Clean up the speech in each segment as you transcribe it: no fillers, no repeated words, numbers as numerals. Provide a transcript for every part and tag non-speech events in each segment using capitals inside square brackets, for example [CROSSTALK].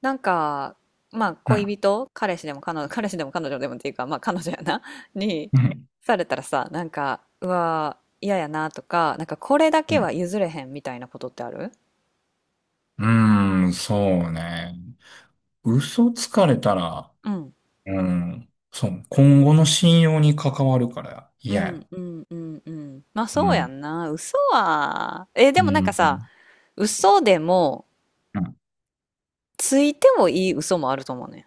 なんか、まあ、う恋ん。人、彼氏でも彼女でもっていうか、まあ、彼女やな、[LAUGHS] に、うん。されたらさ、なんか、うわー、嫌やなとか、なんか、これだうけんは譲れへんみたいなことってある？うーん、そうね。嘘つかれたら、うん。うん。そう。今後の信用に関わるからう嫌ん、や。うん、うん、うん。まあ、うそうやん。んな。嘘は、え、でうもなんかん。さ、嘘でも、ついてもいい嘘もあると思うねん。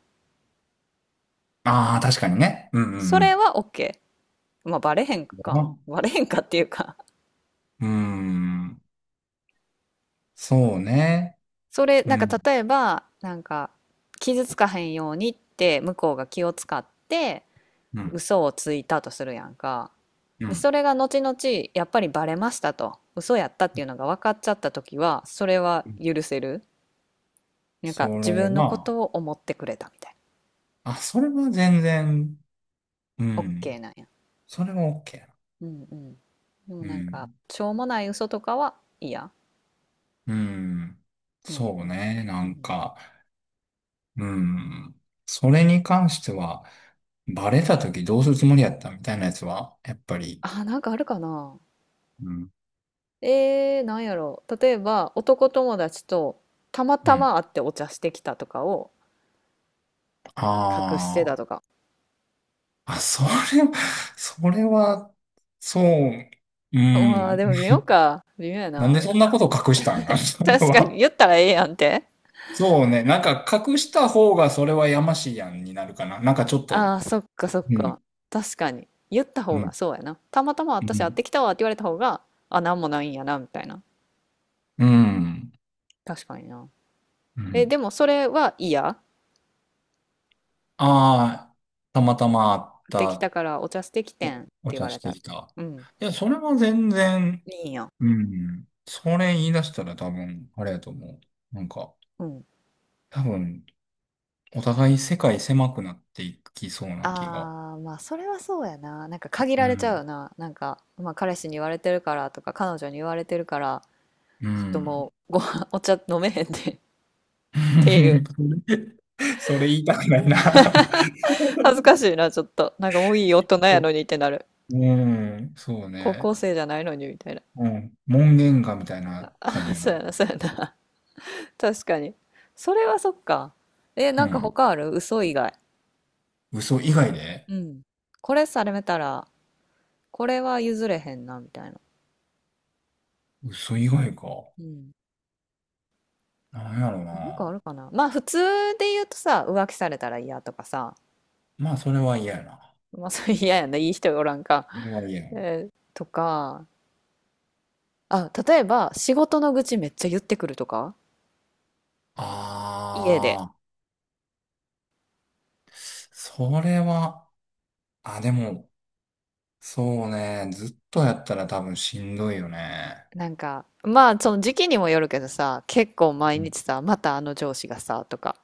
ああー、確かにね。うんうそんれうは OK。まあ、バレへんか。ん。バレへんかっていうかうん。そうね。それ、うなんかん。例えば、なんか、傷つかへんようにって向こうが気を使ってうん。嘘をついたとするやんか。うで、そん。れが後々やっぱりバレましたと、嘘やったっていうのが分かっちゃった時は、それは許せる。なんかそ自れ分のこは、とを思ってくれたみたいあ、それは全然、うな。OK ん。なんや。それは OK やな。うんうん。でもうなんか、ん。しょうもない嘘とかは嫌。うん。うんそううん。ね。うなんん。か、うん。それに関しては、バレた時どうするつもりやったみたいなやつは、やっぱり、あ、なんかあるかな。うん。なんやろう。例えば、男友達とたまうたん。ま会ってお茶してきたとかを隠してあたとか。あ、それ、それは、そう、うまあ、ん。でも微妙か。微妙やなんな。でそんなこと隠したんか、それ確かに、は。言ったらええやんって。そうね。なんか隠した方がそれはやましいやんになるかな。なんかちょっあと、あ、そっかそっうか。ん、確かに。言った方うが、ん、そうやな。たまたまう私会っん、てきたわって言われた方が、あ、なんもないんやな、みたいな。うん。確かにな。うえ、ん。でもそれは嫌。ああ、たまたまあっ会ってきたた。からお茶してきてんってお言茶わしれたてら。きた。うん。いや、それは全然、いいんや。うん。それ言い出したら多分、あれやと思う。なんか、うん。多分、お互い世界狭くなっていきそうな気が。ああ、まあ、それはそうやな。なんか限うられちゃうよん。な。なんか、まあ、彼氏に言われてるからとか、彼女に言われてるから、うちょっとん。もう、ご飯、お茶飲めへんで [LAUGHS] っていう。[LAUGHS] それ、それ言いたくないな。[LAUGHS] 恥ずかしいな、ちょっと。なんかもういい大人や [LAUGHS] のにってなる。うん、そう高ね。校生じゃないのにみたいな。うん。門限かみたいな感じ [LAUGHS] やそうな。やな、そうやな。[LAUGHS] 確かに。それはそっか。え、うなんかん。他ある？嘘以外。嘘以外で、うん。これされたら、これは譲れへんな、みたいな。嘘以外か。うん。なんやろなんかあな。るかな。まあ、普通で言うとさ、浮気されたら嫌とかさ、まあ、それは嫌やな。まあ、それ [LAUGHS] 嫌やな、いい人がおらんか。それは嫌や。えーとか、あ、例えば、仕事の愚痴めっちゃ言ってくるとか家で。ああ、それは、あ、でも、そうね、ずっとやったら多分しんどいよね。なんか、まあ、その時期にもよるけどさ、結構毎うん。日さ、またあの上司がさ、とか、っ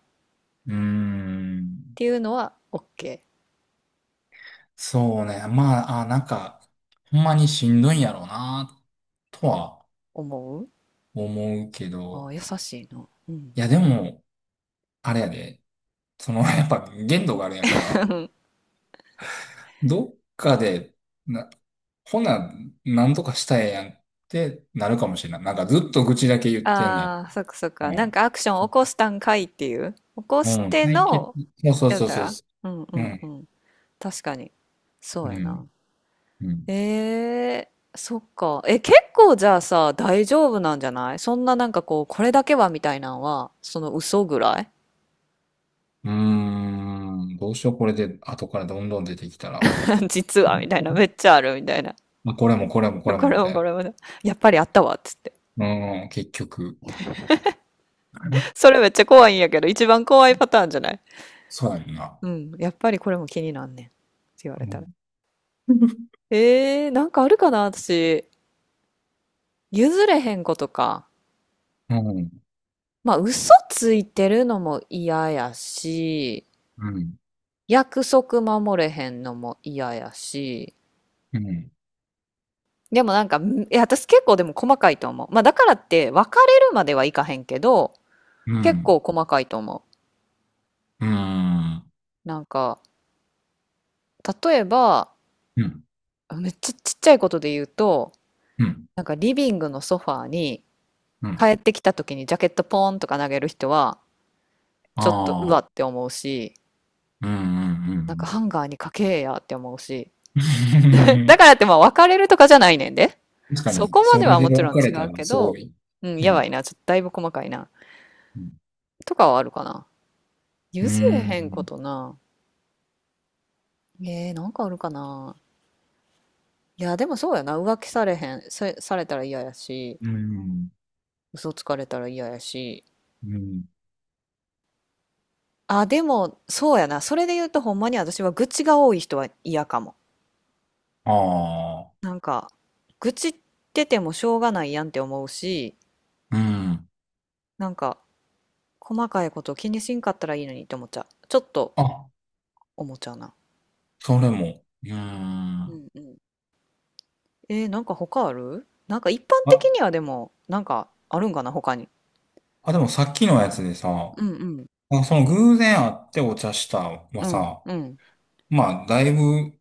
うーん、ていうのは、OK。そうね、まあ、あ、なんか、ほんまにしんどいんやろうな、とは思う。思うけあど、ー優しいな。うん。いや、でも、あれやで、その、[LAUGHS] やっぱ限度があるやんか。[LAUGHS] どっかで、な、ほな、なんとかしたいやんってなるかもしれない。なんかずっと愚痴だけ言ってんねああ、そっかそっん。か。うなんん。かアクション起こしたんかいっていう。起こしうん、て解決、の、そうやっそうたそうら。そうんうう。うんうん、ん。確かに。そううやな。ん、うん。えー、そっか。え、結構じゃあさ、大丈夫なんじゃない？そんな、なんかこう、これだけはみたいなのは、その嘘ぐらい。 うーん、どうしよう、これで、後からどんどん出てきたら。[LAUGHS] 実はみたいな、めっちゃあるみたいな。まあ、これもこれもこれこもれみもたこいれもね、やっぱりあったわっつって。な。うん、結局。うん。それめっちゃ怖いんやけど、一番怖いパターンじゃない？そうやんな。うん、やっぱりこれも気になんねん。って言わうれたん、ら。なんかあるかな私。譲れへんことか。うん、まあ、嘘ついてるのも嫌やし、うん、約束守れへんのも嫌やし、うん、でもなんか、んいや、私結構でも細かいと思う。まあだからって別れるまではいかへんけど、うん、う結ん、構細かいと思うん、う。なんか、例えば、めっちゃちっちゃいことで言うと、うん、なんかリビングのソファーにう帰ん。ってきた時にジャケットポーンとか投げる人は、ちょっとうあわっあ、て思うし、うん、うん、うなんかん。ハンガーにかけえやって思うし。[LAUGHS] だ [LAUGHS] からってまあ別れるとかじゃないねんで。確かそに、こまそでれはでもち分ろんか違れたうらけすごど、い。うん、うやばん、いな。ちょっとだいぶ細かいな。うん、とかはあるかな。う譲れへんこん、とな。なんかあるかな。いや、でもそうやな。浮気されへん。さ、されたら嫌やし、うん、嘘つかれたら嫌やし。うん。あ、でも、そうやな。それで言うと、ほんまに私は愚痴が多い人は嫌かも。ああ。あ、愚痴っててもしょうがないやんって思うし、うん。なんか、細かいこと気にしんかったらいいのにって思っちゃう。ちょっとあ、思っちゃうな。それも。ううん。んうん。なんか他ある？なんか一般的あ、にはでも、なんかあるんかな、他に。でもさっきのやつでさ、うんうん。あ、その偶然会ってお茶したはうんさ、うん。まあ、だいぶ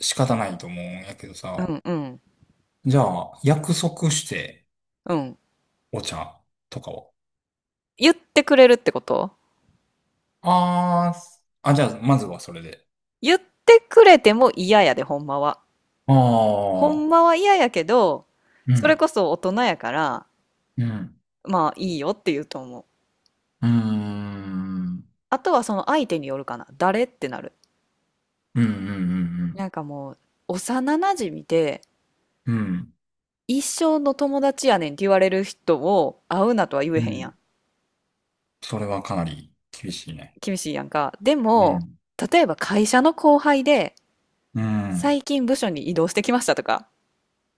仕方ないと思うんやけどうさ、んうん。じゃあ、約束してうん。お茶とかを。言ってくれるってこと？あーあ、じゃあ、まずはそれで。言ってくれても嫌やで、ほんまは。あほんあ、まは嫌やけど、うそれん、こそ大人やから、うん、まあいいよって言うと思う。うーん、あとはその相手によるかな。誰ってなる。うん、うん、うん、なんかもう、幼馴染で、うん、うん、一生の友達やねんって言われる人を会うなとは言えうへんやん。ん。それはかなり厳しいね。厳しいやんか。でうも、ん、例えば会社の後輩で、うん、うん、最近部署に移動してきましたとか、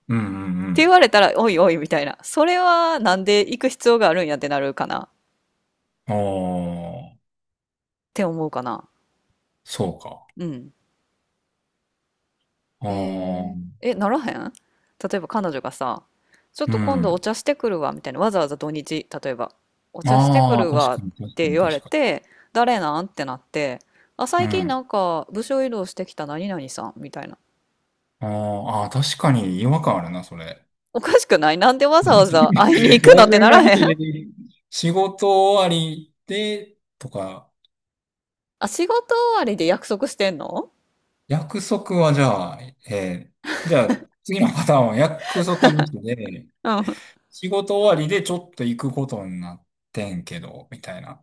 うん、うって言ん。われたら、おいおいみたいな。それはなんで行く必要があるんやってなるかなっああ、て思うかな。そうか。うん。ああ、ならへん？例えば彼女がさ、ちょっうと今度おん。茶してくるわ、みたいな。わざわざ土日、例えば、お茶してくああ、る確わかっに、確かてに、言われ確かて、誰なんってなって、あ、に。う最近ん。なんか部署移動してきた何々さん、みたいな。ああ、確かに違和感あるな、それ。おかしくない？なんでわ [LAUGHS] ざうん、わざ会い休に行くのってみならのへん？日に仕事終わりで、とか、あ、仕事終わりで約束してんの？約束はじゃあ、えーじゃあ、次のパターンは約束はなしで、うん。仕事終わりでちょっと行くことになってんけど、みたいな。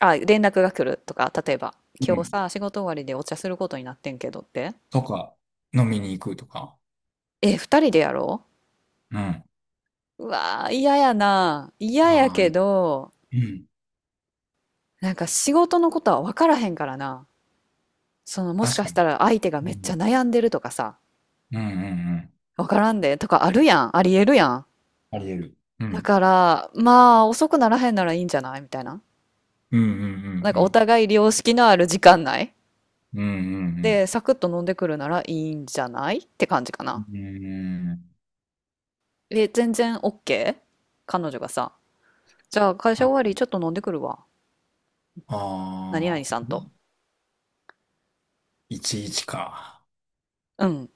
あ、連絡が来るとか、例えば、う今日ん。さ、仕事終わりでお茶することになってんけどって。とか、飲みに行くとか。え、二人で？やろう、うん。うわー、嫌やな。嫌やまけあ、ど、うん。なんか仕事のことは分からへんからな。その、もし確かかしたに。ら相手がうめっちゃん。悩んでるとかさ、うんうん分からんでとかあるやん。ありえるやん。うん。あり得る。うだん。から、まあ、遅くならへんならいいんじゃないみたいな。うんうなんかおん互い良識のある時間内うんうん。うんうで、んサクッと飲んでくるならいいんじゃないって感じかうな。ん。うん。え、全然 OK？ 彼女がさ、じゃあ会社終わりちょっと飲んでくるわ。何々ああさんと。ー、1か。うん。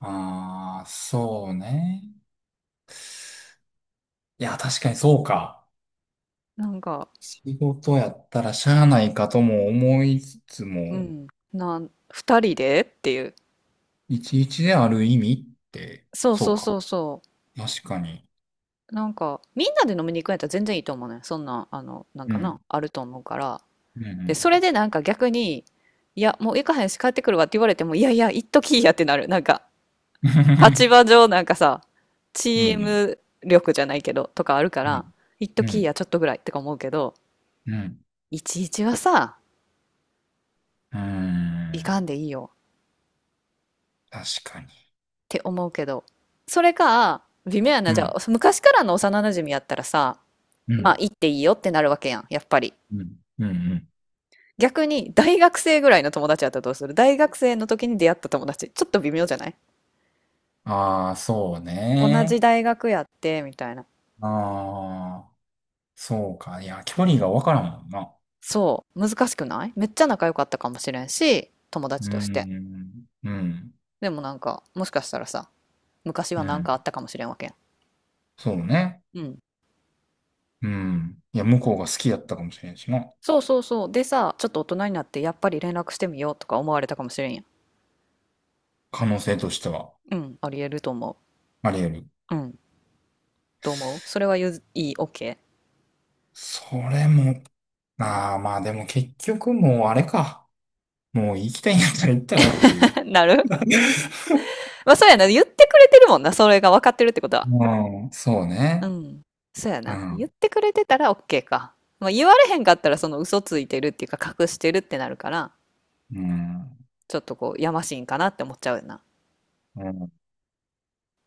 ああ、そうね。いや、確かにそうか。なんか、仕事やったらしゃあないかとも思いつつうも、ん。な、二人でっていう。いちいちである意味って、そうそそううそか。うそ確かに。う。なんか、みんなで飲みに行くんやったら全然いいと思うね。そんな、あの、なんうかな、ん。あると思うから。うんうで、それんでなんか逆に、いや、もう行かへんし帰ってくるわって言われても、いやいや、行っときいやってなる。なんか、う立ん。場上なんかさ、[LAUGHS] うんうチーん。ム力じゃないけど、とかあるかうら、ん行っとうきいや、ん。ちょっとぐらいってか思うけど、うん。いちいちはさ、うー行かん。んでいいよっ確かに。て思うけど、それか、微妙やうな、じゃあ、ん。昔からの幼馴染やったらさ、うまあ、ん。行っていいよってなるわけやん、やっぱり。うん。うん。逆に大学生ぐらいの友達やったらどうする？大学生の時に出会った友達。ちょっと微妙じゃない？ああー、そう同じね。大学やって、みたいな。ああ、そうか。いや、距離がわからんもんな。そう。難しくない？めっちゃ仲良かったかもしれんし、友達うとして。ん。うん。でもなんか、もしかしたらさ、昔うはなんん。かあったかもしれんわけやそうね。ん。うん。うん。いや、向こうが好きやったかもしれんしな。そうそうそう。でさ、ちょっと大人になってやっぱり連絡してみようとか思われたかもしれんやん。可能性としては、うん。ありえると思あり得る。う。うん。どう思う？それはゆず、いい、OK？ それも、ああ、まあでも結局もうあれか。もう行きたいんやったら行ったらっていう。[LAUGHS] なる。まあそうやな。言ってくれてるもんな。それが分かってるってことは。うん。そううね。ん。そうやうな。言っん。てくれてたら OK か。まあ、言われへんかったらその嘘ついてるっていうか隠してるってなるから、うん。ちょっとこうやましいんかなって思っちゃうよな。う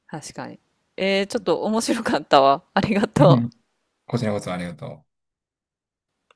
確かに。ちょっと面白かったわ。ありがとん。う。こちらこそありがとう。